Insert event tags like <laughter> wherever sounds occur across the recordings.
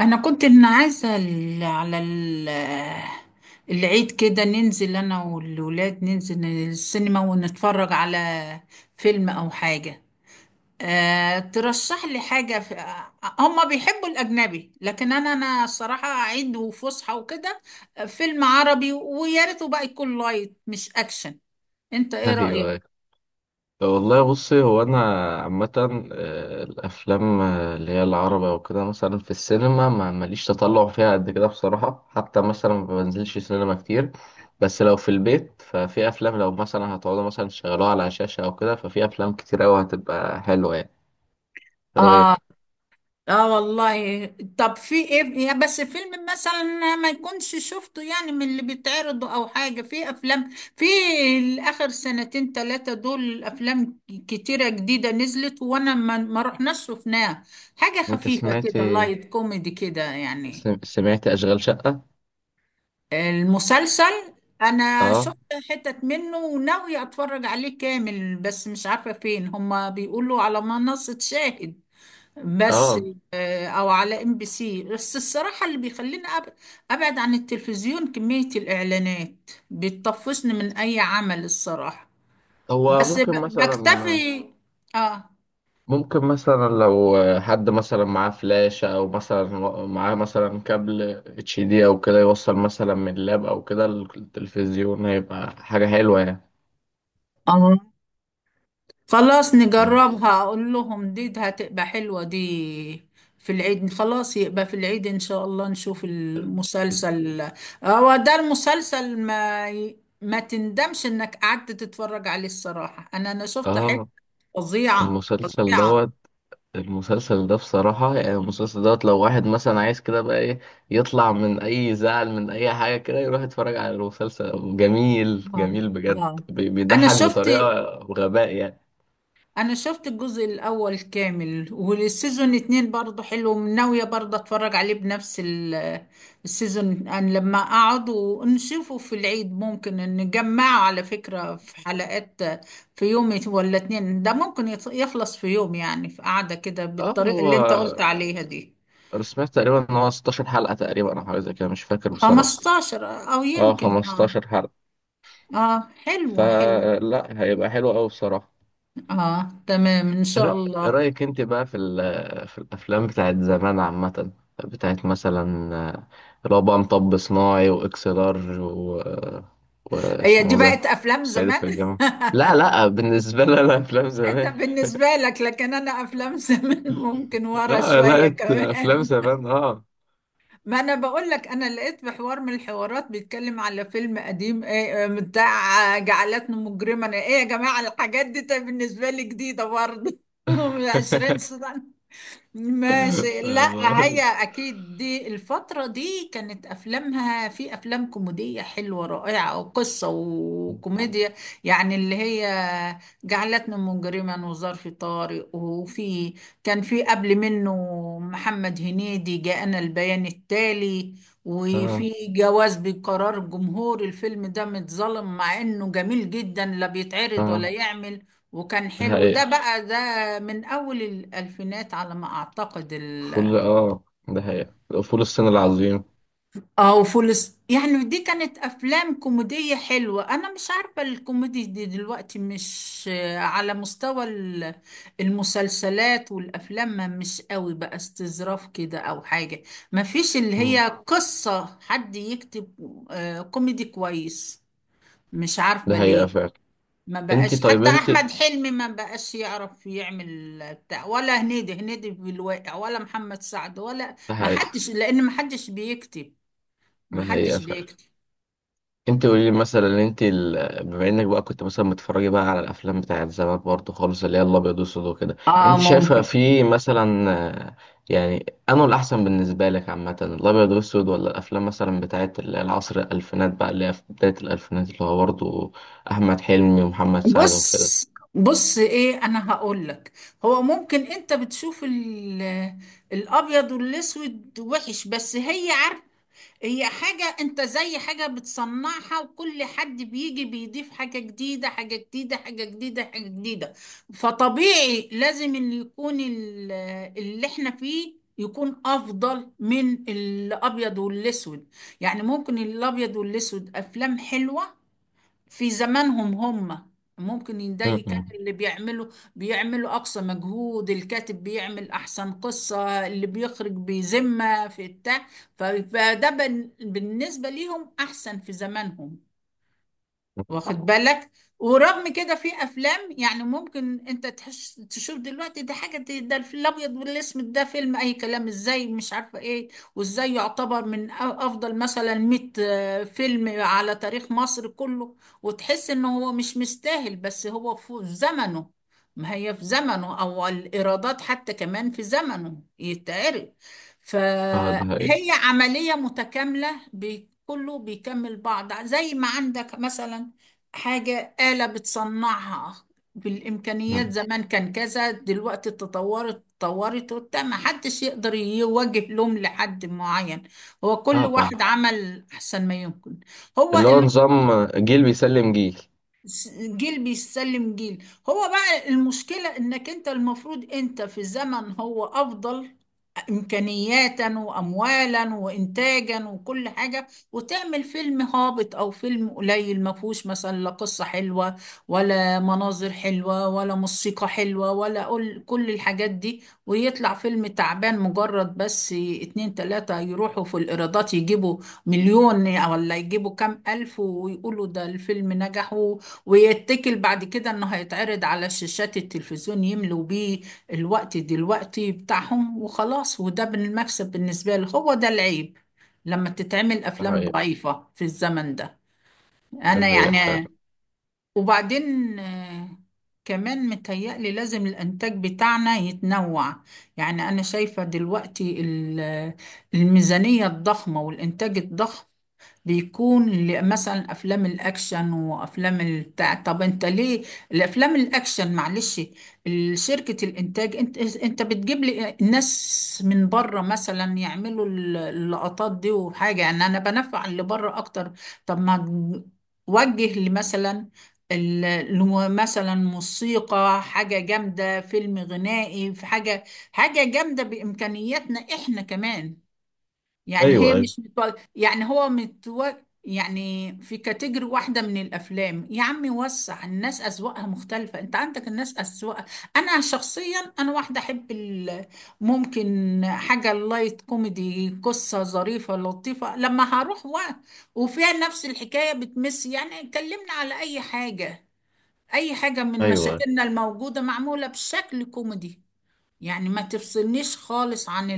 انا كنت إن عايزه على العيد كده، ننزل انا والولاد، ننزل السينما ونتفرج على فيلم او حاجه. أه، ترشح لي حاجه هما بيحبوا الاجنبي، لكن انا الصراحه عيد وفسحه وكده. فيلم عربي، ويا ريته بقى يكون لايت مش اكشن. انت ايه ايوه رايك؟ أيوه. طب والله بصي هو انا عامه الافلام اللي هي العربي او كده مثلا في السينما ما ماليش تطلع فيها قد كده بصراحه، حتى مثلا ما بنزلش سينما كتير. بس لو في البيت ففي افلام، لو مثلا هتقعدوا مثلا تشغلوها على شاشه او كده، ففي افلام كتير قوي هتبقى حلوه يعني. ايه اه، رايك؟ اه والله. طب في ايه يا بس؟ فيلم مثلا ما يكونش شفته يعني، من اللي بيتعرضوا او حاجة، في افلام في الاخر سنتين ثلاثة، دول افلام كتيرة جديدة نزلت وانا ما رحناش شفناها. حاجة انت خفيفة سمعت، كده، لايت كوميدي كده يعني. سمعت اشغال شقه؟ المسلسل انا اه شفت حتت منه وناوية اتفرج عليه كامل، بس مش عارفة فين، هما بيقولوا على منصة شاهد بس. اه. او على ام بي سي، بس الصراحه اللي بيخليني ابعد عن التلفزيون كميه الاعلانات، بتطفشني من اي عمل الصراحه. هو بس ب- ممكن مثلا، بكتفي. اه. ممكن مثلا لو حد مثلا معاه فلاشة أو مثلا معاه مثلا كابل اتش دي أو كده، يوصل مثلا من اللاب أو كده التلفزيون، هيبقى حاجة حلوة يعني. اه، خلاص مم. نجربها، اقول لهم دي، ده هتبقى حلوه دي في العيد. خلاص يبقى في العيد ان شاء الله نشوف المسلسل. هو ده المسلسل، ما ما تندمش انك قعدت تتفرج عليه الصراحه، انا شفت اه. فظيعة المسلسل فظيعة. دوت، المسلسل ده بصراحة يعني، المسلسل دوت لو واحد مثلا عايز كده بقى ايه يطلع من أي زعل من أي حاجة كده، يروح يتفرج على المسلسل. جميل آه. جميل بجد، آه. أنا بيضحك شفت بطريقة غباء يعني. أنا شفت الجزء الأول كامل، والسيزون اتنين برضه حلو، ناوية برضه أتفرج عليه بنفس السيزون. أنا لما أقعد ونشوفه في العيد، ممكن نجمعه على فكرة في حلقات في يوم ولا اتنين، ده ممكن يخلص في يوم، يعني في قعدة كده اه بالطريقة هو اللي أنت قلت عليها دي. انا سمعت تقريبا ان هو 16 حلقة تقريبا او حاجة زي كده، مش فاكر بصراحة. 15، أو اه يمكن آه. 15 حلقة، آه، حلو حلو. فلا هيبقى حلو قوي بصراحة. آه تمام إن إيه رأ- شاء إيه الله. رأيك انت بقى في في الافلام بتاعت زمان عامة، بتاعت مثلا اللي هو بقى مطب صناعي واكس لارج و... هي دي واسمه ده بقت افلام الصعيدي زمان؟ في <laughs> الجامعة. لا لا، بالنسبة لي انا افلام انت زمان. بالنسبه لك، لكن انا افلام زمان <laughs> ممكن ورا لا شويه لا، افلام كمان. زمان اه. ما انا بقول لك، انا لقيت في حوار من الحوارات بيتكلم على فيلم قديم ايه، بتاع جعلتني مجرما. ايه يا جماعه الحاجات دي؟ طيب بالنسبه لي جديده برضه <laughs> من 20 سنه. <laughs> ماشي، لا هي بقول اكيد دي الفترة دي كانت افلامها، في افلام كوميدية حلوة رائعة، وقصة وكوميديا يعني. اللي هي جعلتني مجرما وظرف طارق، وفي كان في قبل منه محمد هنيدي جاءنا البيان التالي، اه وفي جواز بقرار جمهور. الفيلم ده متظلم، مع انه جميل جدا، لا بيتعرض ولا اه، يعمل. وكان حلو ده بقى، ده من أول الألفينات على ما أعتقد. ال فول اه ده حقيقة، فول الصين العظيم. اه وفولس، يعني دي كانت أفلام كوميدية حلوة. أنا مش عارفة الكوميدي دي دلوقتي مش على مستوى المسلسلات والأفلام، ما مش قوي بقى، استظراف كده أو حاجة، ما فيش اللي مم. هي قصة حد يكتب كوميدي كويس. مش ده عارفة حقيقة ليه. فعلا. ما انت بقاش طيب حتى انت ده احمد حلمي ما بقاش يعرف يعمل بتاع، ولا هنيدي، هنيدي في الواقع، ولا محمد سعد، ولا ما حقيقة، حدش، لان ما حدش بيكتب ما ده حقيقة حدش فعلا. بيكتب انت قولي لي مثلا، انت ال... بما انك بقى كنت مثلا بتتفرجي بقى على الافلام بتاعت زمان برضه خالص، اللي هي الابيض والاسود وكده، اه، انت شايفه ممكن. في مثلا آه، يعني انه الاحسن بالنسبه لك عامه الابيض والاسود، ولا الافلام مثلا بتاعت العصر الالفينات بقى، اللي هي في بدايه الالفينات، اللي هو برضه احمد حلمي ومحمد سعد وكده؟ بص، بص ايه انا هقول لك، هو ممكن انت بتشوف الابيض والاسود وحش، بس هي عارفه، هي حاجة انت زي حاجة بتصنعها، وكل حد بيجي بيضيف حاجة جديدة حاجة جديدة حاجة جديدة حاجة جديدة. فطبيعي لازم اللي يكون اللي احنا فيه يكون افضل من الابيض والاسود. يعني ممكن الابيض والاسود افلام حلوة في زمانهم هم، ممكن م- ده كان م. اللي بيعملوا أقصى مجهود، الكاتب بيعمل أحسن قصة، اللي بيخرج بذمة في بتاع. فده بالنسبة ليهم أحسن في زمانهم، واخد بالك؟ ورغم كده في افلام، يعني ممكن انت تحس تشوف دلوقتي، ده حاجه ده الفيل الابيض والاسود، ده فيلم اي كلام، ازاي مش عارفه ايه؟ وازاي يعتبر من افضل مثلا 100 فيلم على تاريخ مصر كله، وتحس ان هو مش مستاهل. بس هو في زمنه، ما هي في زمنه، او الايرادات حتى كمان في زمنه يتعرض. اه ده حقيقة. فهي عمليه متكامله، كله بيكمل بعض، زي ما عندك مثلا حاجة آلة بتصنعها. بالإمكانيات م. زمان كان كذا، دلوقتي تطورت تطورت وبتاع، ما حدش يقدر يوجه لوم لحد معين. هو كل اه اه. واحد عمل أحسن ما يمكن. هو اللي هو نظام جيل بيسلم جيل. جيل بيسلم جيل. هو بقى المشكلة إنك أنت المفروض أنت في زمن هو أفضل إمكانياتا وأموالا وإنتاجا وكل حاجة، وتعمل فيلم هابط أو فيلم قليل ما فيهوش مثلا لا قصة حلوة، ولا مناظر حلوة، ولا موسيقى حلوة، ولا كل الحاجات دي، ويطلع فيلم تعبان. مجرد بس اتنين تلاتة يروحوا في الإيرادات يجيبوا مليون، ولا يجيبوا كام ألف، ويقولوا ده الفيلم نجح، ويتكل بعد كده إنه هيتعرض على شاشات التلفزيون يملوا بيه الوقت دلوقتي بتاعهم وخلاص، وده بالمكسب بالنسبة لي هو ده العيب، لما تتعمل ده أفلام حقيقة، ضعيفة في الزمن ده. ده أنا حقيقة فعلا. يعني، وبعدين كمان متهيألي لازم الإنتاج بتاعنا يتنوع. يعني أنا شايفة دلوقتي الميزانية الضخمة والإنتاج الضخم بيكون مثلا افلام الاكشن وافلام البتاع. طب انت ليه الافلام الاكشن؟ معلش شركة الانتاج، انت بتجيب لي ناس من بره مثلا يعملوا اللقطات دي، وحاجة يعني انا بنفع اللي بره اكتر. طب ما وجه لي مثلا مثلا موسيقى حاجة جامدة، فيلم غنائي، في حاجة حاجة جامدة بإمكانياتنا احنا كمان. يعني هي ايوه ايوه. مش متو... يعني هو متو... يعني في كاتيجوري واحدة من الأفلام يا عمي، وسع، الناس أذواقها مختلفة، أنت عندك الناس أذواق. أنا شخصيا، أنا واحدة أحب ال... ممكن حاجة لايت كوميدي، قصة ظريفة لطيفة، لما هروح و... وفيها نفس الحكاية، بتمس يعني، كلمنا على أي حاجة، أي حاجة من أيوة. مشاكلنا الموجودة معمولة بشكل كوميدي. يعني ما تفصلنيش خالص عن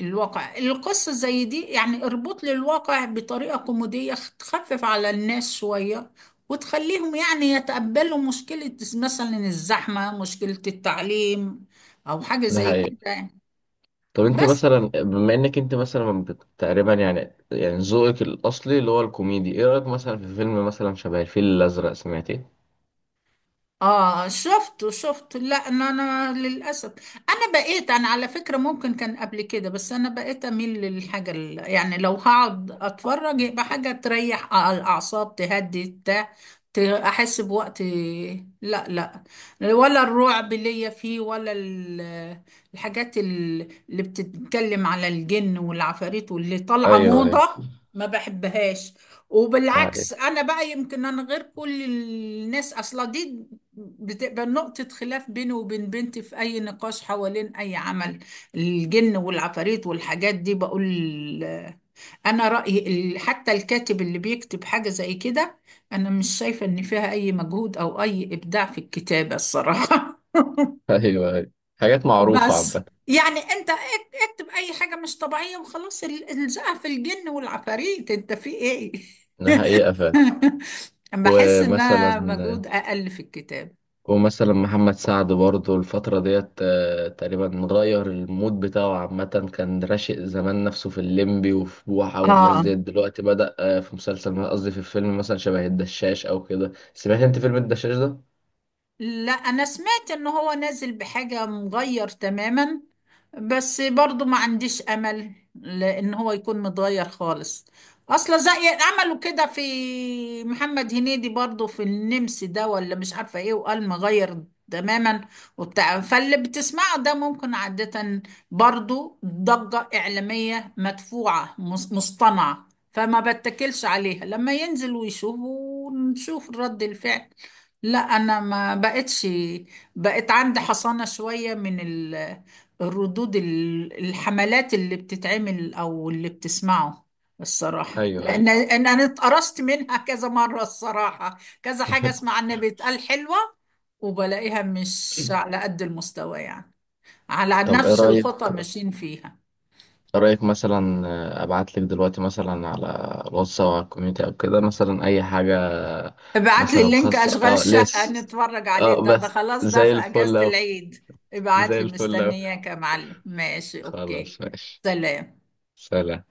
الواقع، القصة زي دي يعني اربط لي الواقع بطريقة كوميدية، تخفف على الناس شوية، وتخليهم يعني يتقبلوا مشكلة مثلا الزحمة، مشكلة التعليم، أو حاجة ده زي حقيقة. كده يعني. طب أنت بس مثلا بما إنك أنت مثلا تقريبا يعني، يعني ذوقك الأصلي اللي هو الكوميدي، إيه رأيك مثلا في فيلم مثلا شبه الفيل الأزرق؟ سمعت إيه؟ اه، شفته شفته، لا انا للاسف، انا بقيت، انا على فكره ممكن كان قبل كده، بس انا بقيت اميل للحاجه يعني لو هقعد اتفرج يبقى حاجه تريح الاعصاب، تهدي بتاع، احس بوقت. لا لا، ولا الرعب ليا فيه، ولا الحاجات اللي بتتكلم على الجن والعفاريت واللي طالعه أيوة أيوة. موضه، ما بحبهاش. ده حقيقة. وبالعكس انا بقى يمكن انا غير كل الناس اصلا، دي بتبقى نقطة خلاف بينه وبين بنتي في أي نقاش حوالين أي عمل، الجن والعفاريت والحاجات دي. بقول أنا رأيي حتى الكاتب اللي بيكتب حاجة زي كده، أنا مش شايفة إن فيها أي مجهود أو أي إبداع في الكتابة الصراحة. <laughs> أيوة أيوة، حاجات معروفة بس عامة. يعني أنت اكتب أي حاجة مش طبيعية وخلاص، الزقها في الجن والعفاريت، أنت في إيه؟ ده حقيقة فعلا. <laughs> بحس مثلا، إنها مجهود أقل في الكتاب. ومثلا محمد سعد برضه الفترة ديت تقريبا غير المود بتاعه عامة، كان راشق زمان نفسه في الليمبي وفي بوحة والناس اه، ديت، دلوقتي بدأ في مسلسل، قصدي في الفيلم مثلا شبه الدشاش أو كده. سمعت أنت فيلم الدشاش ده؟ لا انا سمعت ان هو نازل بحاجة مغير تماما، بس برضو ما عنديش امل لان هو يكون متغير خالص اصلا، زي عملوا كده في محمد هنيدي برضو في النمس ده، ولا مش عارفة ايه، وقال مغير تماما وبتاع، فاللي بتسمعه ده ممكن عادة برضو ضجة إعلامية مدفوعة مصطنعة، فما بتكلش عليها، لما ينزل ويشوف ونشوف رد الفعل. لا، انا ما بقتش، بقت عندي حصانة شوية من الردود الحملات اللي بتتعمل او اللي بتسمعه الصراحة، ايوه ايوه. لان انا اتقرصت منها <laughs> كذا مرة الصراحة، كذا حاجة اسمع <laughs> عنها بيتقال حلوة، وبلاقيها مش على قد المستوى يعني، على طب إيه نفس رأيك؟ الخطى ماشيين فيها. إيه رأيك مثلا أبعتلك دلوقتي مثلا على الواتس أو على الكوميونتي أو كده مثلا أي حاجة آه، ابعت لي مثلا اللينك خاصة اشغال أه شقة لس، نتفرج عليه، أه ده بس خلاص ده زي في اجازة الفل أوي، العيد. ابعت زي لي، الفل أوي. مستنياك يا معلم، ماشي اوكي. خلاص ماشي. سلام. سلام.